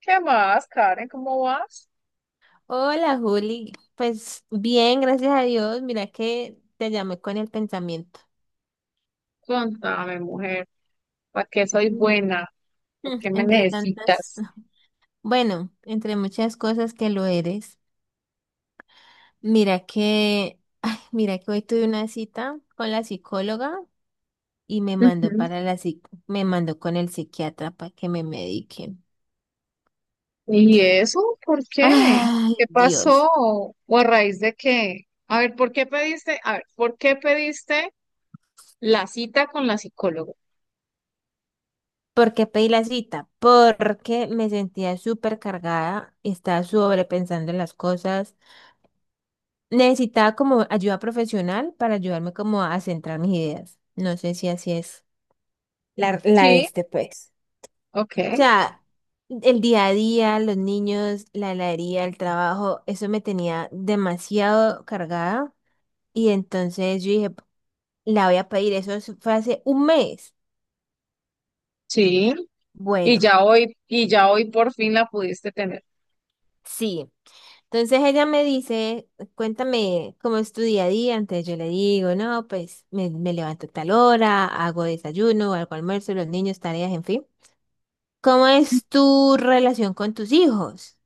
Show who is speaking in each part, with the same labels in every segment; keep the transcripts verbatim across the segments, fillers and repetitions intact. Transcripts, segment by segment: Speaker 1: ¿Qué más, Karen? ¿Cómo vas?
Speaker 2: Hola Juli, pues bien, gracias a Dios. Mira que te llamé con el pensamiento.
Speaker 1: Contame, mujer, ¿para qué soy
Speaker 2: Mm.
Speaker 1: buena? ¿Por
Speaker 2: Mm,
Speaker 1: qué me
Speaker 2: Entre tantas,
Speaker 1: necesitas?
Speaker 2: bueno, entre muchas cosas que lo eres. Mira que, ay, mira que hoy tuve una cita con la psicóloga y me mandó
Speaker 1: Ujú.
Speaker 2: para la psic- me mandó con el psiquiatra para que me medique.
Speaker 1: ¿Y eso? ¿Por qué?
Speaker 2: Ay,
Speaker 1: ¿Qué pasó?
Speaker 2: Dios.
Speaker 1: ¿O a raíz de qué? A ver, ¿por qué pediste? A ver, ¿por qué pediste la cita con la psicóloga?
Speaker 2: ¿Por qué pedí la cita? Porque me sentía súper cargada, estaba sobrepensando las cosas. Necesitaba como ayuda profesional para ayudarme como a centrar mis ideas. No sé si así es. La, la
Speaker 1: Sí,
Speaker 2: este, pues.
Speaker 1: ok,
Speaker 2: O sea, el día a día, los niños, la heladería, el trabajo, eso me tenía demasiado cargada. Y entonces yo dije, la voy a pedir. Eso es- fue hace un mes.
Speaker 1: sí. Y
Speaker 2: Bueno,
Speaker 1: ya hoy, y ya hoy por fin la pudiste tener.
Speaker 2: sí. Entonces ella me dice, cuéntame cómo es tu día a día. Entonces yo le digo, no, pues me, me levanto a tal hora, hago desayuno, hago almuerzo, los niños, tareas, en fin. ¿Cómo es tu relación con tus hijos?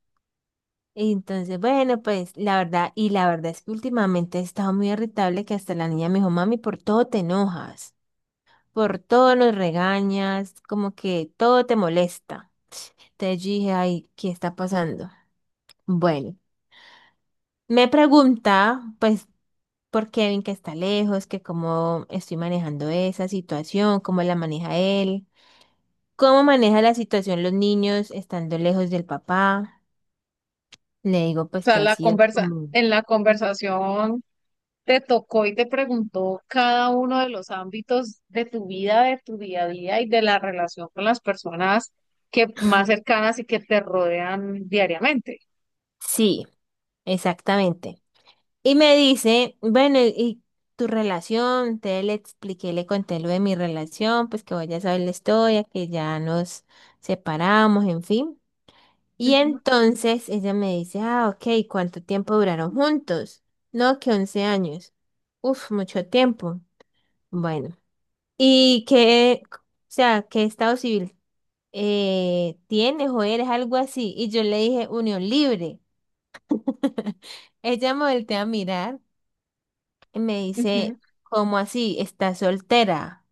Speaker 2: Y entonces, bueno, pues la verdad, y la verdad es que últimamente he estado muy irritable que hasta la niña me dijo, mami, por todo te enojas, por todo nos regañas, como que todo te molesta. Entonces yo dije, ay, ¿qué está pasando? Bueno. Me pregunta, pues por Kevin que está lejos, que cómo estoy manejando esa situación, cómo la maneja él, cómo maneja la situación los niños estando lejos del papá. Le digo
Speaker 1: O
Speaker 2: pues
Speaker 1: sea,
Speaker 2: que ha
Speaker 1: la
Speaker 2: sido
Speaker 1: conversa,
Speaker 2: como...
Speaker 1: en la conversación te tocó y te preguntó cada uno de los ámbitos de tu vida, de tu día a día y de la relación con las personas que más cercanas y que te rodean diariamente.
Speaker 2: Sí, exactamente. Y me dice, bueno, ¿y y tu relación? Te le expliqué, le conté lo de mi relación, pues que vos ya sabes la historia, que ya nos separamos, en fin. Y
Speaker 1: Ujú,
Speaker 2: entonces ella me dice, ah, ok, ¿cuánto tiempo duraron juntos? No, que once años. Uf, mucho tiempo. Bueno, ¿y qué, o sea, qué estado civil eh, tienes o eres algo así? Y yo le dije, unión libre. Ella me voltea a mirar y me dice,
Speaker 1: ujú.
Speaker 2: ¿cómo así? ¿Estás soltera?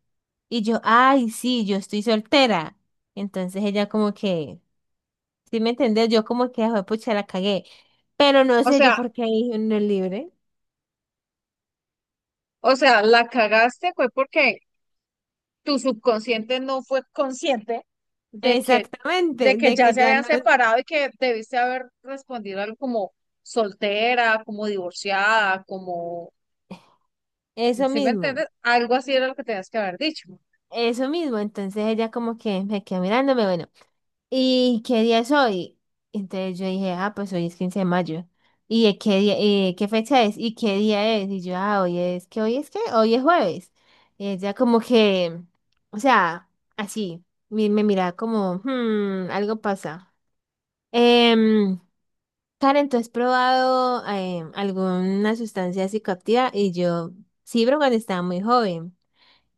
Speaker 2: Y yo, ay, sí, yo estoy soltera. Entonces ella como que... ¿Sí me entendés? Yo como que, "Joder, pucha, la cagué. Pero no
Speaker 1: O
Speaker 2: sé yo
Speaker 1: sea,
Speaker 2: por qué dije no es libre.
Speaker 1: o sea, la cagaste fue porque tu subconsciente no fue consciente de que, de
Speaker 2: Exactamente,
Speaker 1: que
Speaker 2: de
Speaker 1: ya
Speaker 2: que
Speaker 1: se
Speaker 2: ya
Speaker 1: habían
Speaker 2: no
Speaker 1: separado y que debiste haber respondido algo como soltera, como divorciada, como,
Speaker 2: eso
Speaker 1: ¿sí me
Speaker 2: mismo,
Speaker 1: entiendes? Algo así era lo que tenías que haber dicho.
Speaker 2: eso mismo. Entonces ella como que me quedó mirándome, bueno, ¿y qué día es hoy? Entonces yo dije, ah, pues hoy es quince de mayo. ¿Y de qué día, eh, qué fecha es? ¿Y qué día es? Y yo, ah, hoy es, ¿qué hoy es qué? Hoy es jueves. Y ella como que, o sea, así, me, me miraba como, hmm, algo pasa. Em, Karen, ¿tú has probado eh, alguna sustancia psicoactiva? Y yo sí, pero cuando estaba muy joven.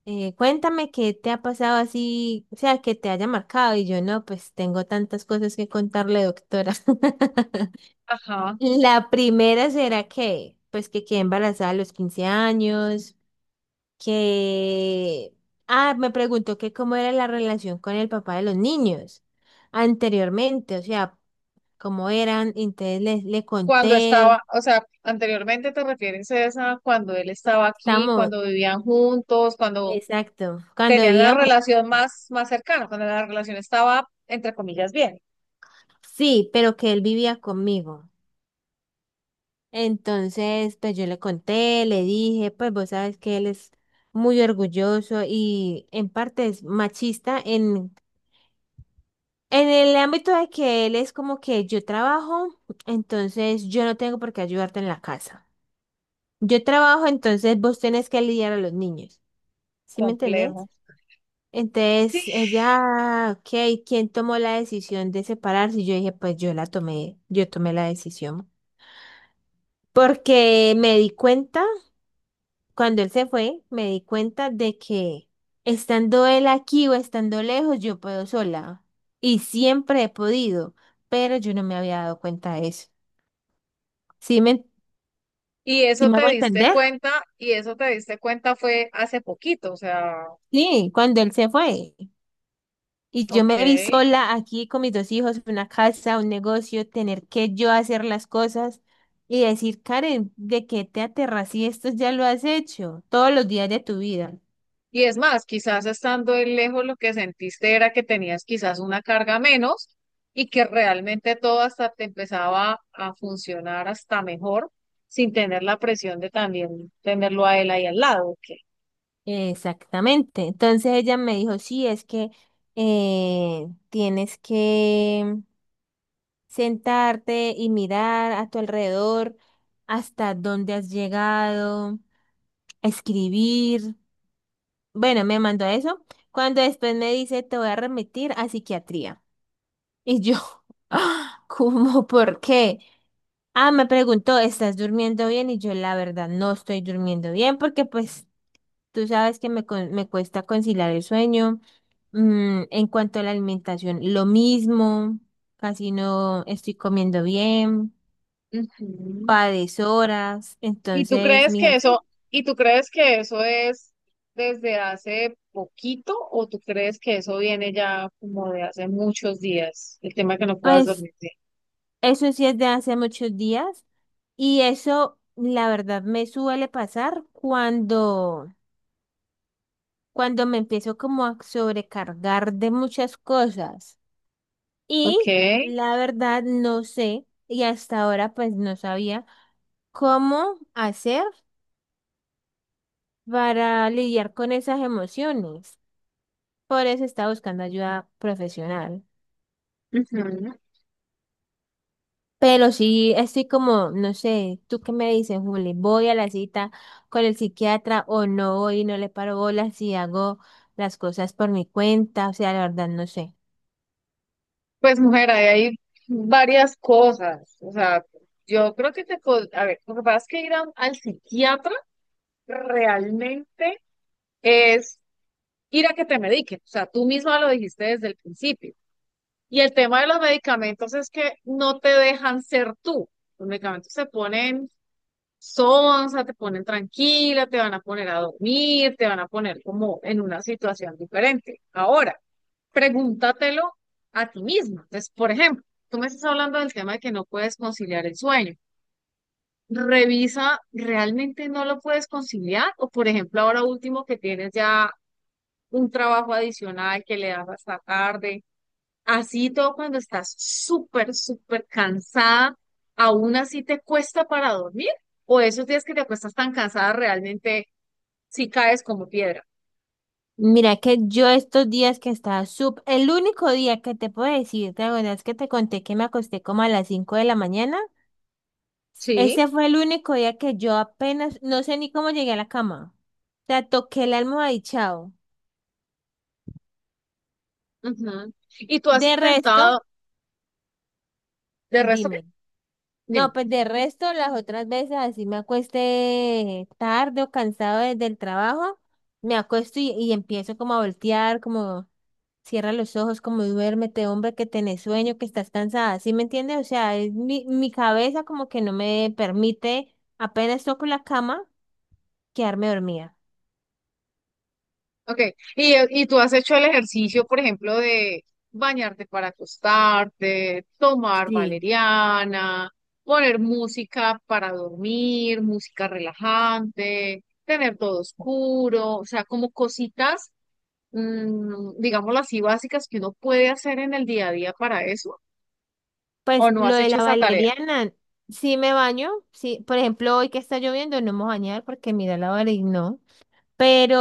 Speaker 2: Eh, cuéntame qué te ha pasado así, o sea, que te haya marcado. Y yo no, pues tengo tantas cosas que contarle, doctora.
Speaker 1: Ajá.
Speaker 2: La primera será que, pues que quedé embarazada a los quince años, que... Ah, me preguntó que cómo era la relación con el papá de los niños anteriormente, o sea, cómo eran, entonces le, le
Speaker 1: Cuando
Speaker 2: conté.
Speaker 1: estaba, o sea, anteriormente te refieres a esa, cuando él estaba aquí,
Speaker 2: Estamos,
Speaker 1: cuando vivían juntos, cuando
Speaker 2: exacto. Cuando
Speaker 1: tenían la
Speaker 2: vivíamos,
Speaker 1: relación más, más cercana, cuando la relación estaba, entre comillas, bien,
Speaker 2: sí, pero que él vivía conmigo. Entonces, pues yo le conté, le dije, pues vos sabes que él es muy orgulloso y en parte es machista en, en el ámbito de que él es como que yo trabajo, entonces yo no tengo por qué ayudarte en la casa. Yo trabajo, entonces vos tenés que lidiar a los niños. ¿Sí me
Speaker 1: complejo.
Speaker 2: entendés? Entonces, ella, ok, ¿quién tomó la decisión de separarse? Y yo dije, pues yo la tomé, yo tomé la decisión. Porque me di cuenta, cuando él se fue, me di cuenta de que estando él aquí o estando lejos, yo puedo sola. Y siempre he podido, pero yo no me había dado cuenta de eso. ¿Sí me,
Speaker 1: Y
Speaker 2: sí
Speaker 1: eso
Speaker 2: me
Speaker 1: te
Speaker 2: hago
Speaker 1: diste
Speaker 2: entender?
Speaker 1: cuenta, y eso te diste cuenta fue hace poquito, o sea,
Speaker 2: Sí, cuando él se fue. Y yo
Speaker 1: ok.
Speaker 2: me vi sola aquí con mis dos hijos, una casa, un negocio, tener que yo hacer las cosas y decir, Karen, ¿de qué te aterras si esto ya lo has hecho todos los días de tu vida?
Speaker 1: Y es más, quizás estando él lejos lo que sentiste era que tenías quizás una carga menos y que realmente todo hasta te empezaba a funcionar hasta mejor sin tener la presión de también tenerlo a él ahí al lado. ¿Ok?
Speaker 2: Exactamente. Entonces ella me dijo, sí, es que eh, tienes que sentarte y mirar a tu alrededor hasta dónde has llegado, escribir. Bueno, me mandó eso. Cuando después me dice, te voy a remitir a psiquiatría. Y yo, ¿cómo? ¿Por qué? Ah, me preguntó, ¿estás durmiendo bien? Y yo, la verdad, no estoy durmiendo bien porque pues tú sabes que me, con- me cuesta conciliar el sueño. Mm, en cuanto a la alimentación, lo mismo, casi no estoy comiendo bien,
Speaker 1: Ujú.
Speaker 2: a deshoras.
Speaker 1: ¿Y tú
Speaker 2: Entonces,
Speaker 1: crees
Speaker 2: mijo,
Speaker 1: que eso,
Speaker 2: sí,
Speaker 1: y tú crees que eso es desde hace poquito o tú crees que eso viene ya como de hace muchos días, el tema que no puedas
Speaker 2: pues
Speaker 1: dormirte?
Speaker 2: eso sí es de hace muchos días y eso, la verdad, me suele pasar cuando... cuando me empiezo como a sobrecargar de muchas cosas. Y
Speaker 1: Ok.
Speaker 2: la verdad no sé, y hasta ahora pues no sabía cómo hacer para lidiar con esas emociones. Por eso estaba buscando ayuda profesional.
Speaker 1: Ujú.
Speaker 2: Pero sí estoy como, no sé, ¿tú qué me dices, Juli? ¿Voy a la cita con el psiquiatra o no voy y no le paro bolas si hago las cosas por mi cuenta? O sea, la verdad no sé.
Speaker 1: Pues mujer, ahí hay varias cosas. O sea, yo creo que te... pod- a ver, lo que pasa es que ir a- al psiquiatra realmente es ir a que te mediquen. O sea, tú misma lo dijiste desde el principio. Y el tema de los medicamentos es que no te dejan ser tú. Los medicamentos se ponen sonsa, te ponen tranquila, te van a poner a dormir, te van a poner como en una situación diferente. Ahora pregúntatelo a ti misma. Entonces, por ejemplo, tú me estás hablando del tema de que no puedes conciliar el sueño. Revisa, ¿realmente no lo puedes conciliar? O, por ejemplo, ahora último que tienes ya un trabajo adicional que le das hasta tarde, así todo cuando estás súper, súper cansada, aún así te cuesta para dormir. O esos días que te acuestas tan cansada, realmente sí caes como piedra.
Speaker 2: Mira que yo estos días que estaba sub, el único día que te puedo decir, ¿te acuerdas que te conté que me acosté como a las cinco de la mañana?
Speaker 1: Sí.
Speaker 2: Ese fue el único día que yo apenas, no sé ni cómo llegué a la cama. O sea, toqué el almohada y chao.
Speaker 1: Ujú. Y tú has
Speaker 2: De resto,
Speaker 1: intentado, de resto, ¿qué?
Speaker 2: dime. No,
Speaker 1: Dime.
Speaker 2: pues de resto, las otras veces así me acuesté tarde o cansado desde el trabajo, me acuesto y, y, empiezo como a voltear, como cierra los ojos, como duérmete, hombre, que tenés sueño, que estás cansada, ¿sí me entiendes? O sea, es mi, mi cabeza como que no me permite, apenas toco la cama, quedarme dormida.
Speaker 1: Ok, y, y tú has hecho el ejercicio, por ejemplo, de bañarte para acostarte, tomar
Speaker 2: Sí.
Speaker 1: valeriana, poner música para dormir, música relajante, tener todo oscuro, o sea, como cositas, mm, digámoslo así, básicas que uno puede hacer en el día a día para eso, o
Speaker 2: Pues
Speaker 1: no
Speaker 2: lo
Speaker 1: has
Speaker 2: de la
Speaker 1: hecho esa tarea.
Speaker 2: valeriana, sí me baño, sí, por ejemplo, hoy que está lloviendo no me voy a bañar porque mira la valeriana, no,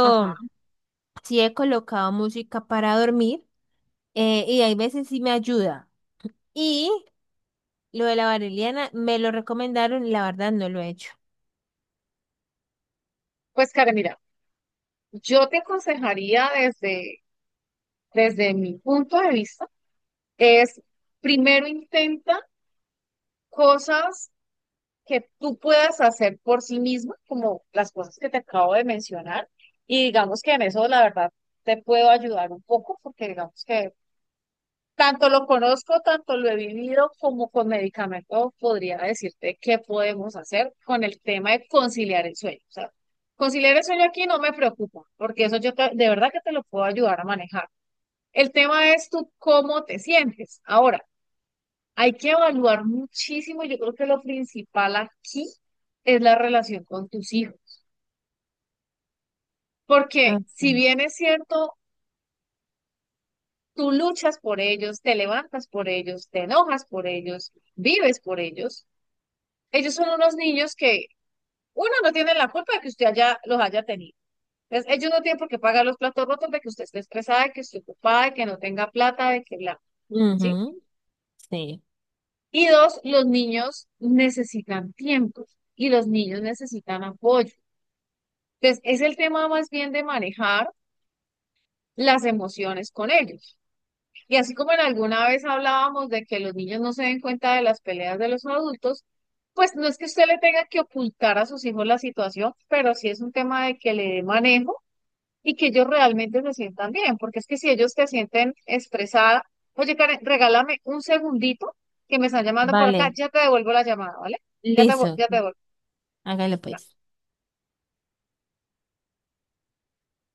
Speaker 1: Ajá.
Speaker 2: sí he colocado música para dormir eh, y hay veces sí me ayuda. Y lo de la valeriana me lo recomendaron, y la verdad no lo he hecho.
Speaker 1: Pues, Karen, mira, yo te aconsejaría desde, desde mi punto de vista, es primero intenta cosas que tú puedas hacer por sí misma, como las cosas que te acabo de mencionar. Y digamos que en eso, la verdad, te puedo ayudar un poco, porque digamos que tanto lo conozco, tanto lo he vivido, como con medicamentos podría decirte qué podemos hacer con el tema de conciliar el sueño. O sea, conciliar el sueño aquí no me preocupa, porque eso yo te- de verdad que te lo puedo ayudar a manejar. El tema es tú cómo te sientes. Ahora, hay que evaluar muchísimo. Yo creo que lo principal aquí es la relación con tus hijos, porque
Speaker 2: Ok.
Speaker 1: si bien es cierto, tú luchas por ellos, te levantas por ellos, te enojas por ellos, vives por ellos, ellos son unos niños que uno no tiene la culpa de que usted haya, los haya tenido. Entonces, ellos no tienen por qué pagar los platos rotos de que usted esté estresada, de que esté ocupada, de que no tenga plata, de que bla, ¿sí?
Speaker 2: Ujú. Sí,
Speaker 1: Y dos, los niños necesitan tiempo y los niños necesitan apoyo. Entonces, es el tema más bien de manejar las emociones con ellos. Y así como en alguna vez hablábamos de que los niños no se den cuenta de las peleas de los adultos, pues no es que usted le tenga que ocultar a sus hijos la situación, pero sí es un tema de que le dé manejo y que ellos realmente se sientan bien, porque es que si ellos te sienten estresada, oye, Karen, regálame un segundito que me están llamando por acá,
Speaker 2: vale,
Speaker 1: ya te devuelvo la llamada, ¿vale? Ya te, vu-
Speaker 2: listo.
Speaker 1: ya te devuelvo.
Speaker 2: Hágale pues.